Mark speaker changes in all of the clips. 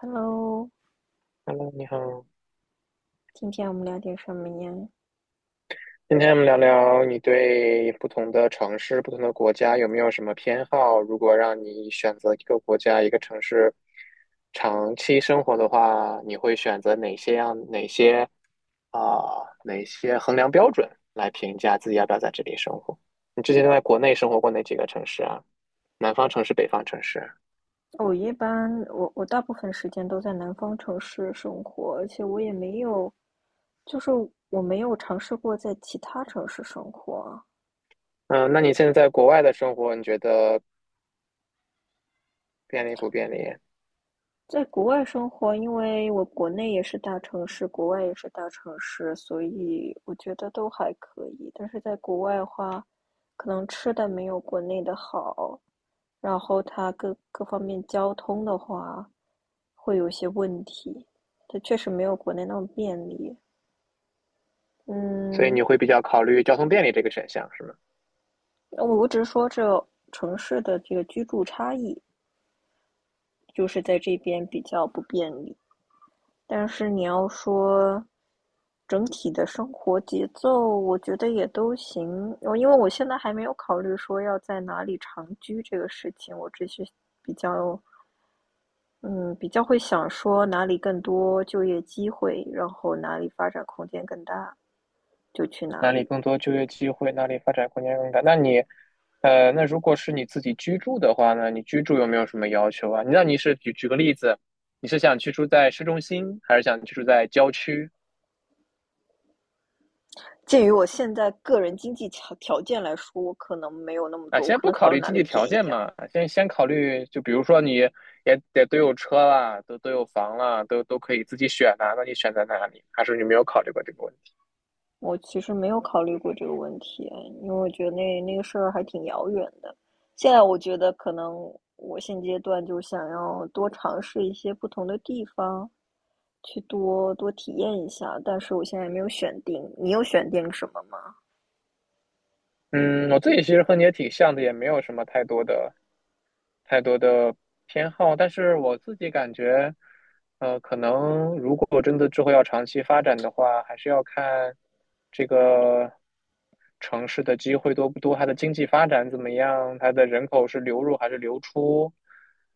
Speaker 1: Hello，
Speaker 2: Hello，你好。
Speaker 1: 今天我们聊点什么呀？
Speaker 2: 今天我们聊聊你对不同的城市、不同的国家有没有什么偏好？如果让你选择一个国家、一个城市长期生活的话，你会选择哪些样、哪些啊、哪些衡量标准来评价自己要不要在这里生活？你之前都在国内生活过哪几个城市啊？南方城市、北方城市？
Speaker 1: 我一般我大部分时间都在南方城市生活，而且我也没有，就是我没有尝试过在其他城市生活。
Speaker 2: 嗯，那你现在在国外的生活，你觉得便利不便利？
Speaker 1: 在国外生活，因为我国内也是大城市，国外也是大城市，所以我觉得都还可以。但是在国外的话，可能吃的没有国内的好，然后它各方面交通的话。会有一些问题。它确实没有国内那么便利。
Speaker 2: 所以
Speaker 1: 嗯，
Speaker 2: 你会比较考虑交通便利这个选项，是吗？
Speaker 1: 我只是说这城市的这个居住差异，就是在这边比较不便利。但是你要说整体的生活节奏，我觉得也都行。因为我现在还没有考虑说要在哪里长居这个事情，我只是比较会想说哪里更多就业机会，然后哪里发展空间更大，就去哪
Speaker 2: 哪里
Speaker 1: 里。
Speaker 2: 更多就业机会，哪里发展空间更大。那你，那如果是你自己居住的话呢？你居住有没有什么要求啊？那你是举个例子，你是想居住在市中心，还是想居住在郊区？
Speaker 1: 鉴于我现在个人经济条件来说，我可能没有那么
Speaker 2: 啊，
Speaker 1: 多，我
Speaker 2: 先
Speaker 1: 可
Speaker 2: 不
Speaker 1: 能
Speaker 2: 考
Speaker 1: 考虑
Speaker 2: 虑
Speaker 1: 哪
Speaker 2: 经
Speaker 1: 里
Speaker 2: 济
Speaker 1: 便
Speaker 2: 条
Speaker 1: 宜
Speaker 2: 件
Speaker 1: 啊。
Speaker 2: 嘛，先考虑，就比如说你也得有车啦，都有房啦，都可以自己选呐、那你选在哪里？还是你没有考虑过这个问题？
Speaker 1: 我其实没有考虑过这个问题，因为我觉得那个事儿还挺遥远的。现在我觉得可能我现阶段就是想要多尝试一些不同的地方，去多多体验一下。但是我现在没有选定，你有选定什么吗？
Speaker 2: 嗯，我自己其实和你也挺像的，也没有什么太多的偏好，但是我自己感觉，可能如果真的之后要长期发展的话，还是要看这个。城市的机会多不多，它的经济发展怎么样，它的人口是流入还是流出。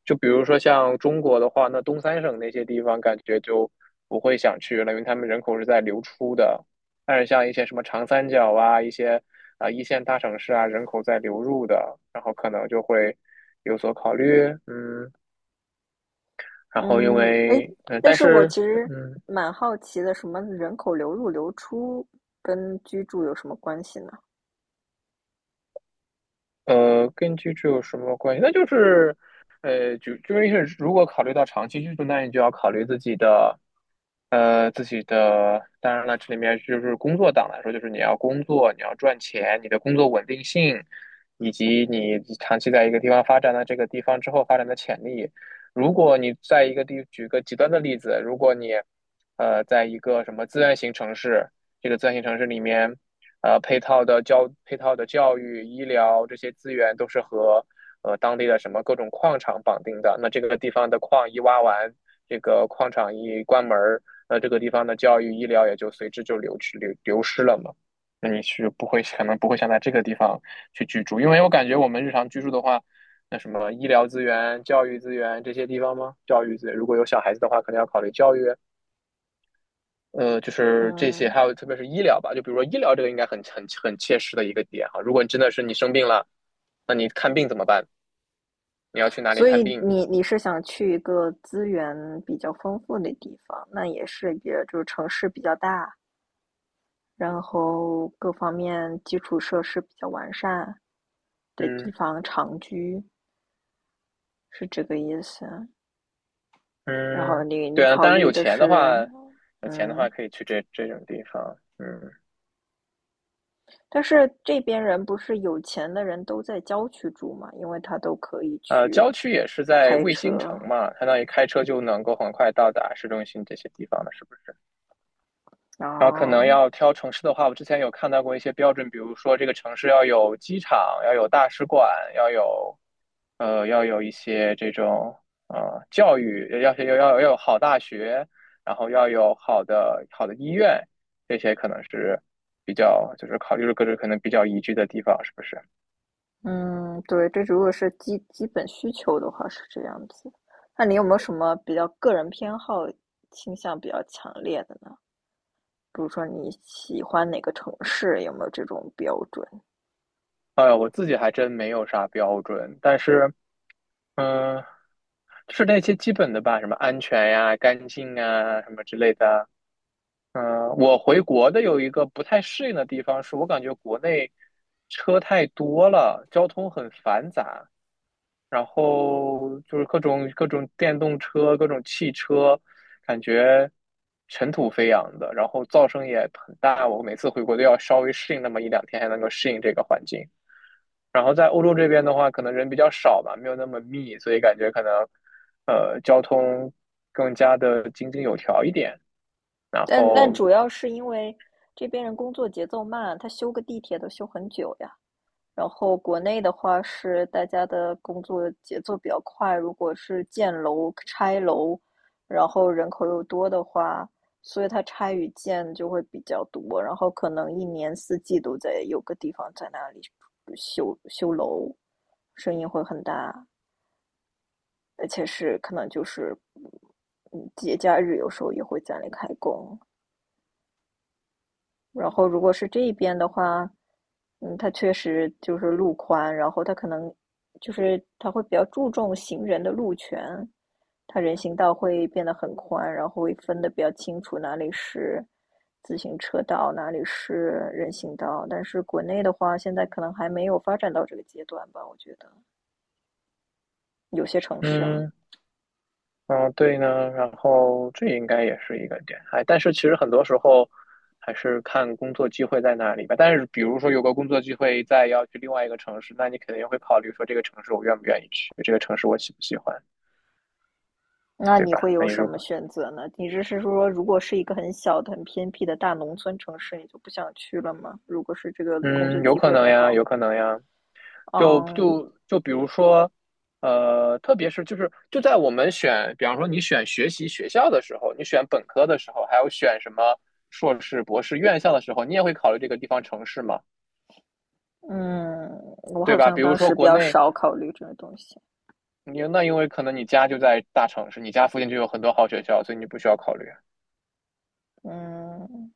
Speaker 2: 就比如说像中国的话，那东三省那些地方感觉就不会想去了，因为他们人口是在流出的。但是像一些什么长三角啊，一些一线大城市啊，人口在流入的，然后可能就会有所考虑，嗯。然后因
Speaker 1: 嗯，哎，
Speaker 2: 为嗯，
Speaker 1: 但
Speaker 2: 但
Speaker 1: 是我
Speaker 2: 是
Speaker 1: 其实
Speaker 2: 嗯，
Speaker 1: 蛮好奇的，什么人口流入流出跟居住有什么关系呢？
Speaker 2: 跟居住有什么关系？那就是，如果考虑到长期居住，那你就要考虑自己的，当然了，这里面就是工作党来说，就是你要工作，你要赚钱，你的工作稳定性，以及你长期在一个地方发展的这个地方之后发展的潜力。如果你在一个地，举个极端的例子，如果你，在一个什么资源型城市，这个资源型城市里面。配套的教育、医疗这些资源都是和当地的什么各种矿场绑定的。那这个地方的矿一挖完，这个矿场一关门那这个地方的教育、医疗也就随之就流去流流失了嘛。那你不会可能不会想在这个地方去居住，因为我感觉我们日常居住的话，那什么医疗资源、教育资源这些地方吗？教育资源如果有小孩子的话，可能要考虑教育。就是这些，
Speaker 1: 嗯。
Speaker 2: 还有特别是医疗吧，就比如说医疗这个应该很切实的一个点哈。如果你真的是你生病了，那你看病怎么办？你要去哪里
Speaker 1: 所
Speaker 2: 看
Speaker 1: 以
Speaker 2: 病？
Speaker 1: 你是想去一个资源比较丰富的地方，那也就是城市比较大，然后各方面基础设施比较完善的地
Speaker 2: 嗯
Speaker 1: 方长居，是这个意思。然后
Speaker 2: 嗯，
Speaker 1: 你
Speaker 2: 对啊，
Speaker 1: 考
Speaker 2: 当然
Speaker 1: 虑
Speaker 2: 有
Speaker 1: 的
Speaker 2: 钱的话，
Speaker 1: 是，
Speaker 2: 有钱的话
Speaker 1: 嗯，
Speaker 2: 可以去这种地方。嗯，
Speaker 1: 但是这边人不是有钱的人都在郊区住嘛，因为他都可以去
Speaker 2: 郊区也是在
Speaker 1: 开
Speaker 2: 卫星城
Speaker 1: 车，
Speaker 2: 嘛，相当于开车就能够很快到达市中心这些地方了，是不是？
Speaker 1: 然
Speaker 2: 然后可能
Speaker 1: 后
Speaker 2: 要挑城市的话，我之前有看到过一些标准，比如说这个城市要有机场，要有大使馆，要有。要有一些这种呃教育，要有好大学，然后要有好的医院，这些可能是比较就是考虑了各种可能比较宜居的地方，是不是？
Speaker 1: 嗯，对，这如果是基本需求的话是这样子。那你有没有什么比较个人偏好倾向比较强烈的呢？比如说你喜欢哪个城市，有没有这种标准？
Speaker 2: 我自己还真没有啥标准，但是嗯、呃就是那些基本的吧，什么安全呀、干净啊什么之类的。嗯、我回国的有一个不太适应的地方是，我感觉国内车太多了，交通很繁杂。然后就是各种电动车、各种汽车，感觉尘土飞扬的，然后噪声也很大。我每次回国都要稍微适应那么一两天，才能够适应这个环境。然后在欧洲这边的话，可能人比较少吧，没有那么密，所以感觉可能交通更加的井井有条一点。然
Speaker 1: 但
Speaker 2: 后
Speaker 1: 主要是因为这边人工作节奏慢，他修个地铁都修很久呀。然后国内的话是大家的工作节奏比较快，如果是建楼、拆楼，然后人口又多的话，所以它拆与建就会比较多，然后可能一年四季都在有个地方在那里修修楼，声音会很大，而且是可能就是，嗯，节假日有时候也会在那里开工。然后如果是这一边的话，嗯，它确实就是路宽，然后它可能就是它会比较注重行人的路权，它人行道会变得很宽，然后会分得比较清楚哪里是自行车道，哪里是人行道。但是国内的话，现在可能还没有发展到这个阶段吧，我觉得有些城市啊。
Speaker 2: 嗯。嗯，对呢，然后这应该也是一个点，哎，但是其实很多时候还是看工作机会在哪里吧。但是比如说有个工作机会在要去另外一个城市，那你肯定会考虑说这个城市我愿不愿意去，这个城市我喜不喜欢，
Speaker 1: 那
Speaker 2: 对
Speaker 1: 你
Speaker 2: 吧？
Speaker 1: 会
Speaker 2: 那
Speaker 1: 有
Speaker 2: 你
Speaker 1: 什
Speaker 2: 如
Speaker 1: 么
Speaker 2: 果
Speaker 1: 选择呢？你这是说，如果是一个很小的、很偏僻的大农村城市，你就不想去了吗？如果是这个工作
Speaker 2: 嗯，有
Speaker 1: 机
Speaker 2: 可
Speaker 1: 会
Speaker 2: 能
Speaker 1: 很
Speaker 2: 呀，
Speaker 1: 好，
Speaker 2: 有可能呀，就
Speaker 1: 嗯
Speaker 2: 就就比如说，特别是在我们选，比方说你选学习学校的时候，你选本科的时候，还有选什么硕士、博士院校的时候，你也会考虑这个地方城市吗？
Speaker 1: 嗯，我
Speaker 2: 对
Speaker 1: 好
Speaker 2: 吧？
Speaker 1: 像
Speaker 2: 比如
Speaker 1: 当时
Speaker 2: 说
Speaker 1: 比
Speaker 2: 国
Speaker 1: 较
Speaker 2: 内，
Speaker 1: 少考虑这个东西，
Speaker 2: 你那因为可能你家就在大城市，你家附近就有很多好学校，所以你不需要考虑。
Speaker 1: 嗯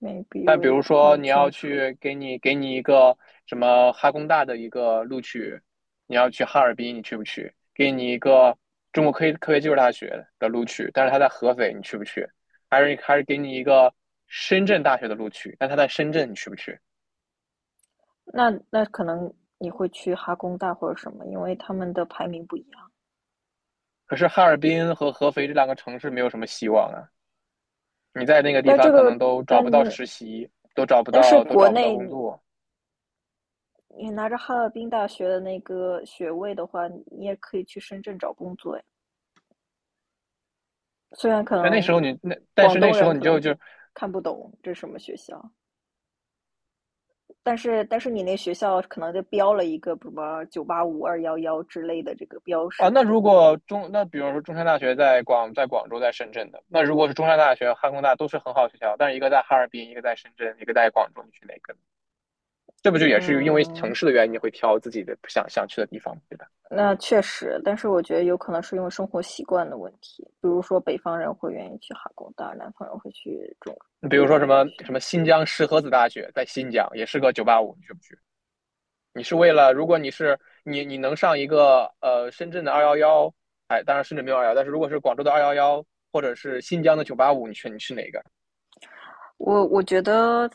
Speaker 1: ，maybe
Speaker 2: 但
Speaker 1: 我
Speaker 2: 比
Speaker 1: 也
Speaker 2: 如
Speaker 1: 不
Speaker 2: 说
Speaker 1: 太
Speaker 2: 你
Speaker 1: 清
Speaker 2: 要
Speaker 1: 楚。
Speaker 2: 去给你一个什么哈工大的一个录取，你要去哈尔滨，你去不去？给你一个中国科学技术大学的录取，但是他在合肥，你去不去？还是给你一个深圳大学的录取，但他在深圳，你去不去？
Speaker 1: 那可能你会去哈工大或者什么，因为他们的排名不一样。
Speaker 2: 可是哈尔滨和合肥这两个城市没有什么希望啊。你在那个地
Speaker 1: 但
Speaker 2: 方
Speaker 1: 这
Speaker 2: 可能
Speaker 1: 个，
Speaker 2: 都找
Speaker 1: 但
Speaker 2: 不到实习，
Speaker 1: 但是
Speaker 2: 都
Speaker 1: 国
Speaker 2: 找不到
Speaker 1: 内
Speaker 2: 工作。
Speaker 1: 你拿着哈尔滨大学的那个学位的话，你也可以去深圳找工作呀。虽然可能
Speaker 2: 但
Speaker 1: 广
Speaker 2: 是那
Speaker 1: 东
Speaker 2: 时
Speaker 1: 人
Speaker 2: 候你
Speaker 1: 可
Speaker 2: 就
Speaker 1: 能
Speaker 2: 就
Speaker 1: 看不懂这是什么学校，但是你那学校可能就标了一个什么985 211之类的这个标
Speaker 2: 啊，
Speaker 1: 识
Speaker 2: 那
Speaker 1: 在。
Speaker 2: 如果比如说中山大学在在广州在深圳的，那如果是中山大学、哈工大都是很好的学校，但是一个在哈尔滨，一个在深圳，一个在广州，你去哪个？这不就也是因为
Speaker 1: 嗯，
Speaker 2: 城市的原因，你会挑自己的不想去的地方，对吧？
Speaker 1: 那确实，但是我觉得有可能是因为生活习惯的问题，比如说北方人会愿意去哈工大，南方人会去中
Speaker 2: 你比如
Speaker 1: 中
Speaker 2: 说
Speaker 1: 山大学。
Speaker 2: 什么新疆石河子大学在新疆，也是个九八五，你去不去？你是为了，如果你是你能上一个深圳的二幺幺，哎，当然深圳没有二幺，但是如果是广州的二幺幺或者是新疆的九八五，你选你去哪个？
Speaker 1: 我我觉得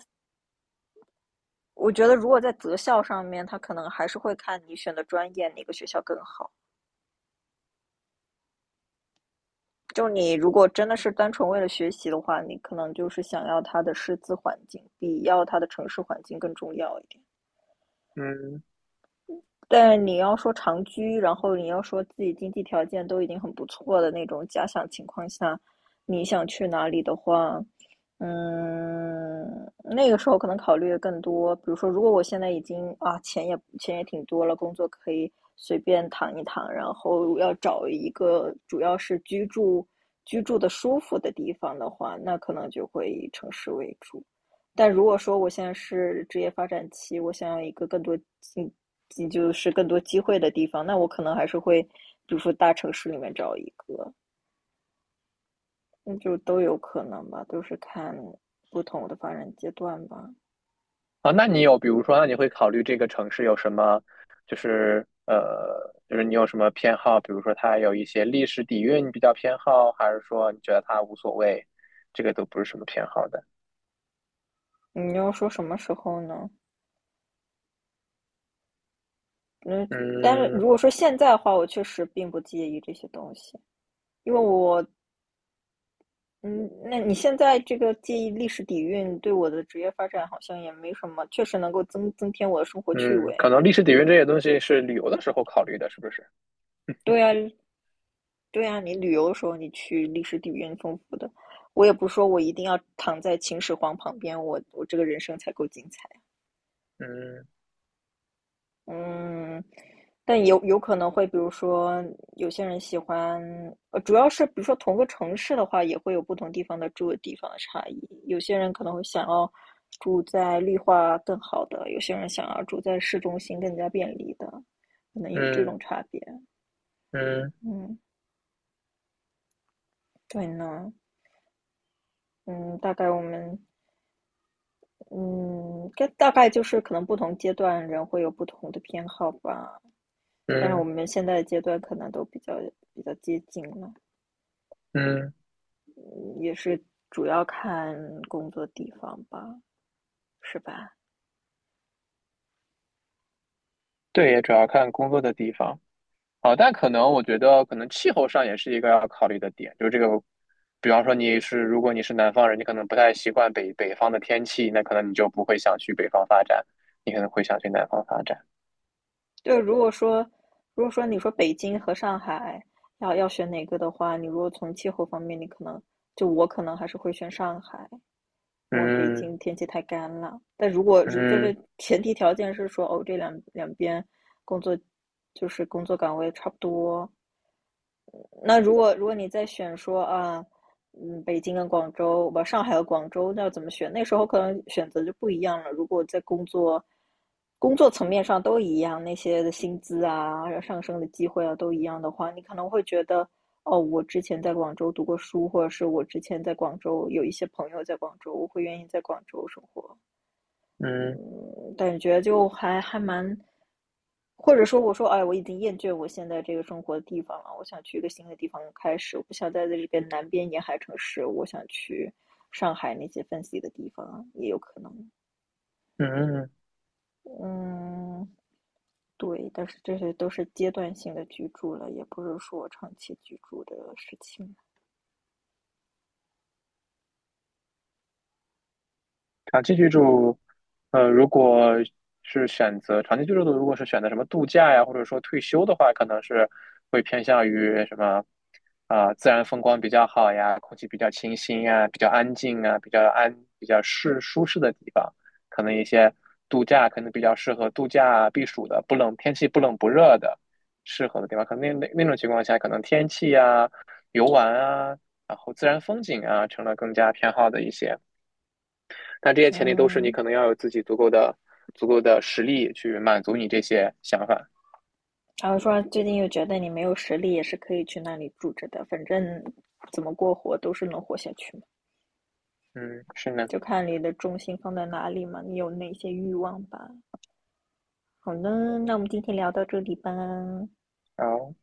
Speaker 1: 我觉得如果在择校上面，他可能还是会看你选的专业哪个学校更好。就你如果真的是单纯为了学习的话，你可能就是想要他的师资环境比要他的城市环境更重要一点。
Speaker 2: 嗯，
Speaker 1: 但你要说长居，然后你要说自己经济条件都已经很不错的那种假想情况下，你想去哪里的话，嗯，那个时候可能考虑的更多。比如说，如果我现在已经啊钱也挺多了，工作可以随便躺一躺，然后要找一个主要是居住的舒服的地方的话，那可能就会以城市为主。但如果说我现在是职业发展期，我想要一个更多机，就是更多机会的地方，那我可能还是会，比如说大城市里面找一个，那就都有可能吧，都是看不同的发展阶段吧。
Speaker 2: 啊，那你有比如说，那你会考虑这个城市有什么，就是你有什么偏好？比如说它有一些历史底蕴，你比较偏好，还是说你觉得它无所谓？这个都不是什么偏好的。
Speaker 1: 你要说什么时候呢？嗯，但是
Speaker 2: 嗯
Speaker 1: 如果说现在的话，我确实并不介意这些东西，因为我，嗯，那你现在这个介意历史底蕴，对我的职业发展好像也没什么，确实能够增添我的生活趣
Speaker 2: 嗯，可
Speaker 1: 味。
Speaker 2: 能历史底蕴这些东西是旅游的时候考虑的，是不是？
Speaker 1: 对啊，对啊，你旅游的时候，你去历史底蕴丰富的。我也不说我一定要躺在秦始皇旁边，我这个人生才够精彩。
Speaker 2: 嗯
Speaker 1: 嗯，但有可能会，比如说有些人喜欢，主要是比如说同个城市的话，也会有不同地方的住的地方的差异。有些人可能会想要住在绿化更好的，有些人想要住在市中心更加便利的，可能有这
Speaker 2: 嗯
Speaker 1: 种差别。
Speaker 2: 嗯
Speaker 1: 嗯，对呢。嗯，大概我们嗯，这大概就是可能不同阶段人会有不同的偏好吧，但是我
Speaker 2: 嗯。
Speaker 1: 们现在的阶段可能都比较接近了，
Speaker 2: 嗯，
Speaker 1: 嗯也是主要看工作地方吧，是吧？
Speaker 2: 对，也主要看工作的地方。好，但可能我觉得，可能气候上也是一个要考虑的点。就这个，比方说你是，如果你是南方人，你可能不太习惯北方的天气，那可能你就不会想去北方发展，你可能会想去南方发展。
Speaker 1: 对，如果说你说北京和上海要选哪个的话，你如果从气候方面，你可能就我可能还是会选上海，因为北京
Speaker 2: 嗯
Speaker 1: 天气太干了。但如果就
Speaker 2: 嗯
Speaker 1: 是前提条件是说，哦，这两边工作就是工作岗位差不多，那如果你再选说啊，嗯，北京跟广州，不，上海和广州，那要怎么选？那时候可能选择就不一样了。如果在工作层面上都一样，那些的薪资啊、上升的机会啊都一样的话，你可能会觉得，哦，我之前在广州读过书，或者是我之前在广州有一些朋友在广州，我会愿意在广州生活。
Speaker 2: 嗯
Speaker 1: 嗯，感觉就还蛮，或者说我说，哎，我已经厌倦我现在这个生活的地方了，我想去一个新的地方开始，我不想待在这边南边沿海城市，我想去上海那些分析的地方，也有可能。
Speaker 2: 嗯嗯。
Speaker 1: 嗯，对，但是这些都是阶段性的居住了，也不是说长期居住的事情。
Speaker 2: 长期居住，呃，如果是选择长期居住的，如果是选择什么度假呀，或者说退休的话，可能是会偏向于什么啊、自然风光比较好呀，空气比较清新呀，比较安静啊，比较适舒适的地方，可能一些度假可能比较适合度假避暑的，不冷，天气不冷不热的，适合的地方。可能那种情况下，可能天气呀、游玩啊，然后自然风景啊，成了更加偏好的一些。但这些前提都是你
Speaker 1: 嗯，
Speaker 2: 可能要有自己足够的实力去满足你这些想法。
Speaker 1: 然后说最近又觉得你没有实力，也是可以去那里住着的，反正怎么过活都是能活下去
Speaker 2: 嗯，是呢。
Speaker 1: 就看你的重心放在哪里嘛，你有哪些欲望吧。好呢，那我们今天聊到这里吧。
Speaker 2: 好。